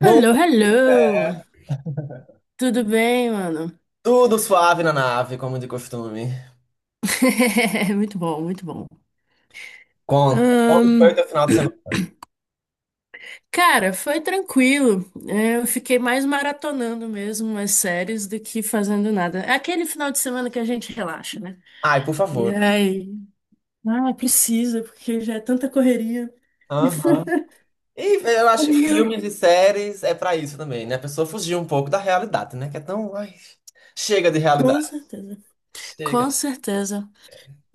Bom, Hello, hello! cara, Tudo bem, mano? tudo suave na nave, como de costume. Muito bom, muito bom. Conta, como foi o teu Ahn, final de semana? cara, foi tranquilo. É, eu fiquei mais maratonando mesmo as séries do que fazendo nada. É aquele final de semana que a gente relaxa, né? Ai, por E favor. aí, ah, precisa, porque já é tanta correria. Aham. E eu E acho que eu- filmes e séries é pra isso também, né? A pessoa fugir um pouco da realidade, né? Que é tão. Ai, chega de realidade. Com certeza. Chega. Com certeza.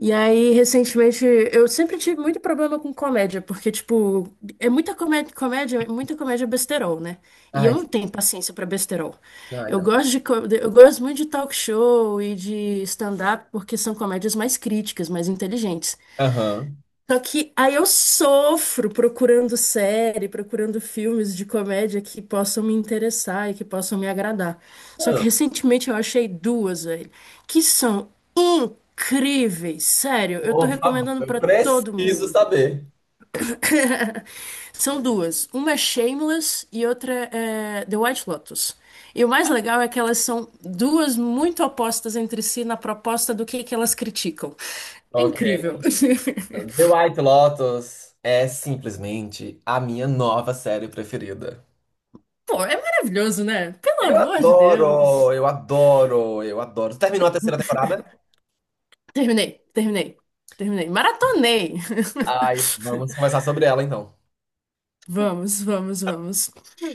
E aí, recentemente, eu sempre tive muito problema com comédia, porque, tipo, é muita comédia, comédia, muita comédia besterol, né? E eu Ai, não tenho paciência pra besterol. ai, Eu não. gosto de, co- eu gosto muito de talk show e de stand-up, porque são comédias mais críticas, mais inteligentes. Aham. Só que aí eu sofro procurando série, procurando filmes de comédia que possam me interessar e que possam me agradar. Só que Não, recentemente eu achei duas, velho, que são incríveis, sério. Eu tô por favor, recomendando eu pra todo preciso mundo. saber. São duas. Uma é Shameless e outra é The White Lotus. E o mais legal é que elas são duas muito opostas entre si na proposta do que elas criticam. É Ok. incrível. The White Lotus é simplesmente a minha nova série preferida. Pô, é maravilhoso, né? Pelo Eu amor de adoro, Deus. eu adoro, eu adoro. Terminou a terceira temporada? Terminei, terminei, terminei. Maratonei. Ai, vamos conversar sobre ela então. Vamos, vamos, vamos.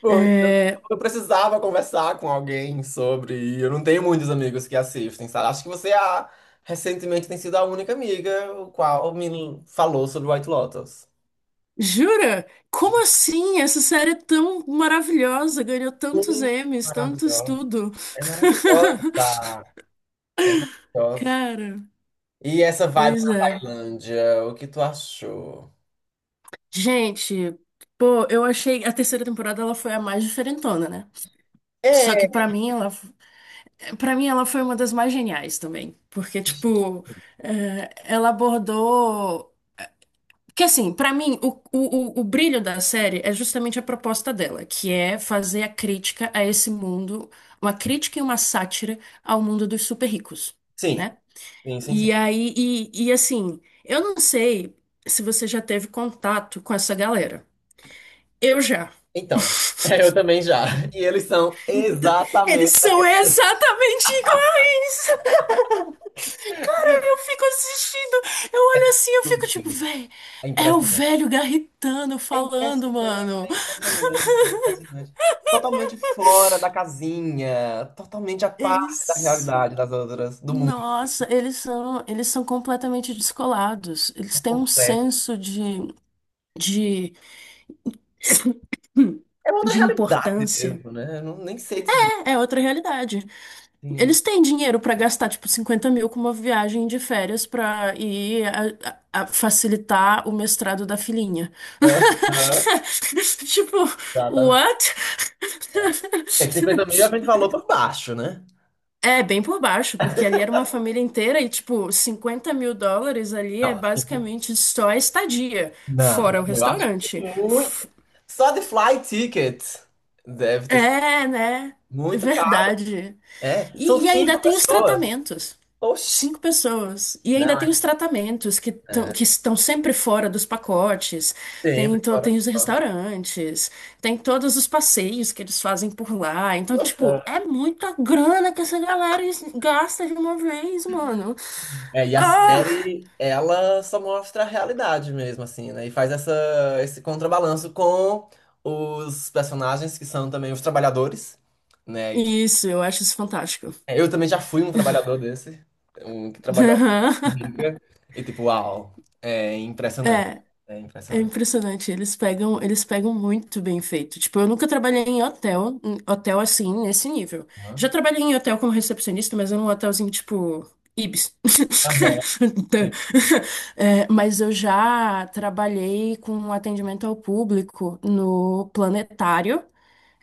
Porque eu É, eu precisava conversar com alguém sobre. E eu não tenho muitos amigos que assistem, sabe? Acho que você recentemente tem sido a única amiga o qual me falou sobre White Lotus. jura? Como assim? Essa série é tão maravilhosa, ganhou tantos Gente, Emmys, tantos maravilhosa. tudo. É maravilhosa. É maravilhosa. Cara, E essa vibe pois na é. Tailândia, o que tu achou? Gente, pô, eu achei a terceira temporada ela foi a mais diferentona, né? Só que É, pra mim ela Pra mim, ela foi uma das mais geniais também, porque, tipo, ela abordou. Que assim, pra mim, o brilho da série é justamente a proposta dela, que é fazer a crítica a esse mundo, uma crítica e uma sátira ao mundo dos super ricos, sim, né? sim, sim, sim. E aí, e assim, eu não sei se você já teve contato com essa galera. Eu já. Então, eu também já. Hum. E eles são Então, eles exatamente são exatamente iguais. Cara, eu fico assistindo, eu olho assim, eu fico tipo, daquilo. véi, É é o impressionante. velho garritano É falando, impressionante, é mano. impressionante, é impressionante. Totalmente fora da casinha, totalmente à Eles, parte da são- realidade das outras, do mundo nossa, eles são completamente descolados. Eles por têm um completo. senso de, É outra de realidade importância. mesmo, né? Eu não, nem sei dizer. É outra realidade. Sim. Eles têm dinheiro pra gastar, tipo, 50 mil com uma viagem de férias pra ir a facilitar o mestrado da filhinha. Aham, Tipo, exatamente. what? É, 50 mil a gente falou por baixo, né? É, bem por baixo, porque ali era uma família inteira e, tipo, US$ 50 mil ali é Não, assim, basicamente só a estadia, não, fora o eu acho que restaurante. muito. Só de flight ticket deve ter sido É, né? É muito caro. verdade. É, E, são e ainda cinco tem os pessoas. tratamentos. Oxi. Cinco pessoas. E ainda Não, tem os tratamentos que, tão- é, que estão sempre fora dos pacotes. Tem, sempre to- fora tem os só. restaurantes, tem todos os passeios que eles fazem por lá. Então, tipo, é muita grana que essa galera gasta de uma vez, mano. É, e a Ah! série, ela só mostra a realidade mesmo, assim, né? E faz essa, esse contrabalanço com os personagens que são também os trabalhadores, né? Isso, eu acho isso fantástico. É, eu também já fui um trabalhador desse, um que trabalhou a Aham. bica, e tipo, uau, é impressionante. É. É É impressionante. impressionante, eles pegam muito bem feito. Tipo, eu nunca trabalhei em hotel assim, nesse nível. Já Aham. trabalhei em hotel como recepcionista, mas era um hotelzinho tipo Ibis. Aham, sim. É, mas eu já trabalhei com um atendimento ao público no Planetário.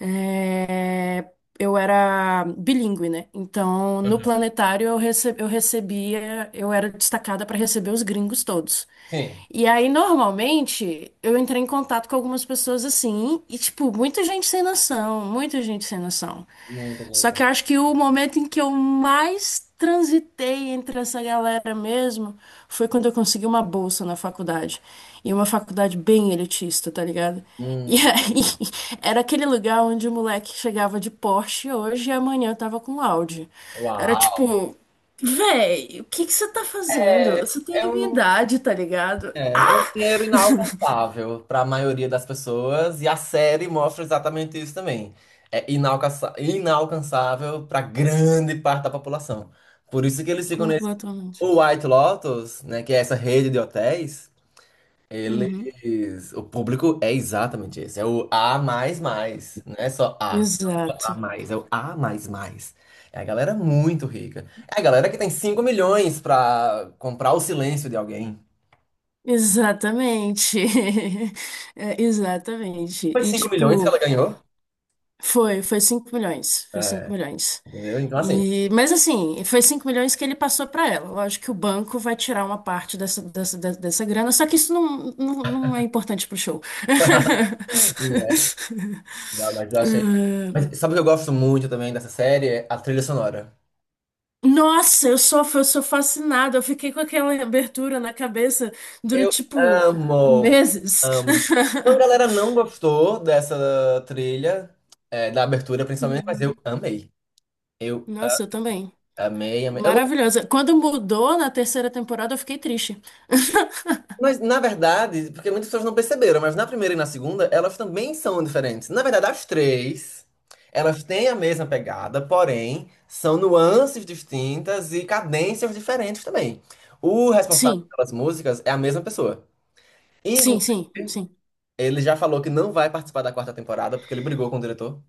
É, eu era bilíngue, né? Então, no Aham. Planetário eu recebia, eu era destacada para receber os gringos todos. Sim. E aí, normalmente, eu entrei em contato com algumas pessoas assim, e, tipo, muita gente sem noção, muita gente sem noção. Muita Só gente, né? que eu acho que o momento em que eu mais transitei entre essa galera mesmo foi quando eu consegui uma bolsa na faculdade. E uma faculdade bem elitista, tá ligado? E Hum, aí, era aquele lugar onde o moleque chegava de Porsche hoje e amanhã eu tava com Audi. Era uau. tipo, véi, o que que você tá fazendo? É, Você tem é a minha um. idade, tá ligado? É, é um dinheiro inalcançável para a maioria das pessoas, e a série mostra exatamente isso também. É inalcançável para grande parte da população. Por isso que eles ficam nesse Completamente. o White Lotus, né, que é essa rede de hotéis, Uhum. eles, o público é exatamente esse, é o A mais mais, não é só A, não é só A Exato. mais, é o A mais mais. É a galera muito rica. É a galera que tem 5 milhões para comprar o silêncio de alguém. Exatamente. É, exatamente. Foi E 5 milhões que tipo, ela ganhou? foi 5 milhões. Foi É, 5 milhões. entendeu? Então, assim, E, mas assim, foi 5 milhões que ele passou para ela. Lógico que o banco vai tirar uma parte dessa grana, só que isso não é importante pro show. né? Não, mas eu achei. Ah, Mas sabe o que eu gosto muito também dessa série? É a trilha sonora. nossa, eu sou fascinada. Eu fiquei com aquela abertura na cabeça Eu durante, tipo, amo, meses. amo. Uma galera não gostou dessa trilha, é, da abertura principalmente, mas eu Uhum. amei. Eu Nossa, eu também. amei, amei. Eu não Maravilhosa. Quando mudou na terceira temporada, eu fiquei triste. Mas, na verdade, porque muitas pessoas não perceberam, mas na primeira e na segunda, elas também são diferentes. Na verdade, as três, elas têm a mesma pegada, porém, são nuances distintas e cadências diferentes também. O responsável Sim, pelas músicas é a mesma pessoa. sim, Inclusive, sim, sim. ele já falou que não vai participar da quarta temporada, porque ele brigou com o diretor.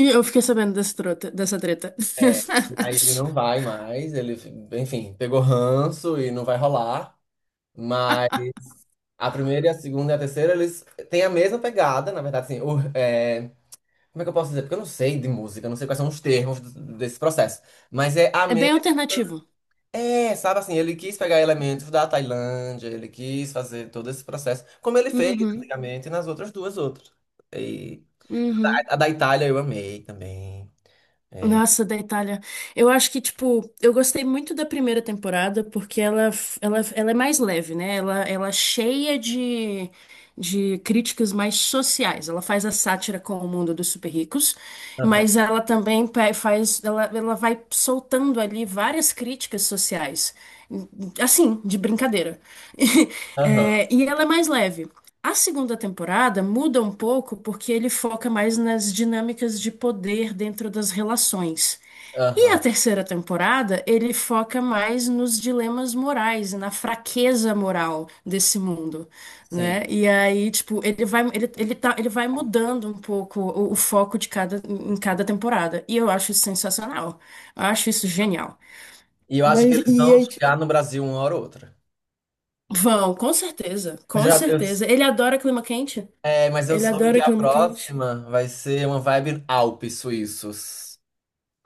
E eu fiquei sabendo dessa trota, dessa treta. É. Aí ele não vai mais, ele, enfim, pegou ranço e não vai rolar. Mas a primeira e a segunda e a terceira, eles têm a mesma pegada, na verdade, assim, é, como é que eu posso dizer? Porque eu não sei de música, eu não sei quais são os termos desse processo. Mas é a É bem mesma. alternativo. É, sabe assim, ele quis pegar elementos da Tailândia, ele quis fazer todo esse processo, como ele fez Uhum, antigamente nas outras duas outras. E uhum. A da Itália eu amei também. Nossa, da Itália. Eu acho que, tipo, eu gostei muito da primeira temporada porque ela é mais leve, né? Ela é cheia de críticas mais sociais. Ela faz a sátira com o mundo dos super ricos, Aham, mas ela também faz, ela vai soltando ali várias críticas sociais, assim, de brincadeira. aham, É, e ela é mais leve. A segunda temporada muda um pouco porque ele foca mais nas dinâmicas de poder dentro das relações. E a aham, terceira temporada, ele foca mais nos dilemas morais e na fraqueza moral desse mundo, né? sim. E aí, tipo, ele vai, ele tá, ele vai mudando um pouco o foco em cada temporada. E eu acho isso sensacional. Eu acho isso genial. E eu acho que Mas eles e vão aí, tipo, chegar no Brasil uma hora ou outra. vão, com certeza, Mas com eu já, eu certeza. Ele adora clima quente. É, mas eu Ele soube que adora a clima quente. próxima vai ser uma vibe Alpes suíços.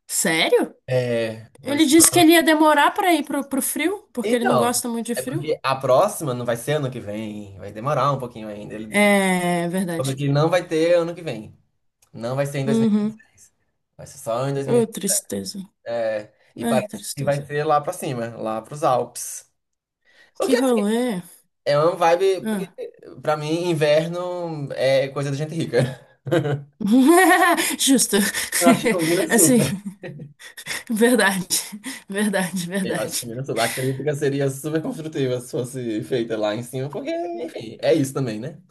Sério? É, vai Ele ser. disse que ele ia demorar pra ir pro frio, porque ele não Então, gosta muito de é frio. porque a próxima não vai ser ano que vem, vai demorar um pouquinho ainda. Ele É soube verdade. que não vai ter ano que vem. Não vai ser em Uhum. 2026. Vai ser só em Ô, 2020. tristeza. É, e Ai, parece que vai tristeza. ser lá pra cima, lá pros Alpes. O Que que assim, rolê. é uma vibe, porque Ah. pra mim inverno é coisa de gente rica. Justo. Eu acho que combina Assim, super. verdade. Verdade, Eu acho que verdade. minha lá, a crítica seria super construtiva se fosse feita lá em cima, porque, enfim, é isso também, né?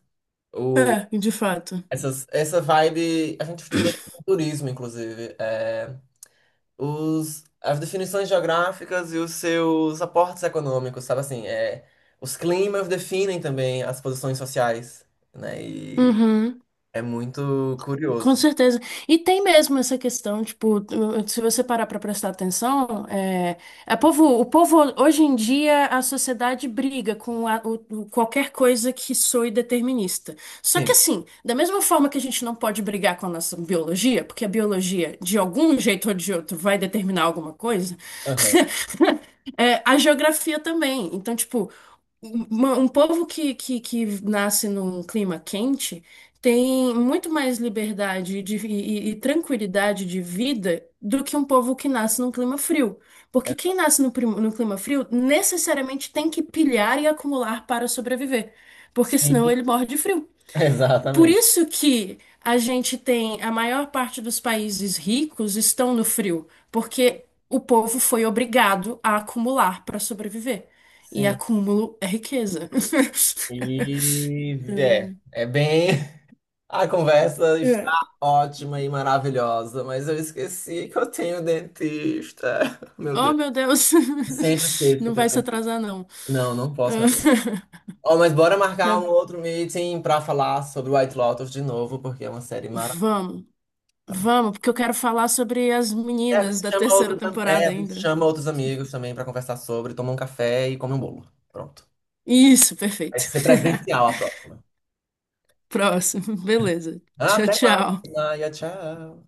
O, É, de fato. essas, essa vibe, a gente estuda em turismo, inclusive, é, os, as definições geográficas e os seus aportes econômicos, sabe assim, é, os climas definem também as posições sociais, né? E Uhum. é muito Com curioso. certeza. E tem mesmo essa questão, tipo, se você parar para prestar atenção, o povo, hoje em dia, a sociedade briga com qualquer coisa que soe determinista. Só Sim, que assim, da mesma forma que a gente não pode brigar com a nossa biologia, porque a biologia, de algum jeito ou de outro, vai determinar alguma coisa, aham. é, a geografia também. Então, tipo, um povo que nasce num clima quente tem muito mais liberdade e tranquilidade de vida do que um povo que nasce num clima frio. Porque É, quem nasce no clima frio necessariamente tem que pilhar e acumular para sobreviver. Porque sim, senão ele morre de frio. Por exatamente. isso que a gente tem a maior parte dos países ricos estão no frio, porque o povo foi obrigado a acumular para sobreviver. E Sim, acúmulo é riqueza. e é, Então, é bem. A conversa está é. ótima e maravilhosa, mas eu esqueci que eu tenho dentista. Meu Oh, Deus. meu Deus! Sempre esqueço que Não vai eu se dentista. atrasar, não. Não, não posso me atrasar. Oh, mas bora marcar Tá- um outro meeting pra falar sobre White Lotus de novo, porque é uma série maravilhosa. Vamos, Tá bom? vamos, porque eu quero falar sobre as É, a meninas gente da chama terceira outros, é, temporada a gente ainda. chama outros amigos também pra conversar sobre, toma um café e come um bolo. Pronto. Isso, Vai perfeito. ser presencial a próxima. Próximo, beleza. Tchau, Até mais, tchau. Maia. Tchau.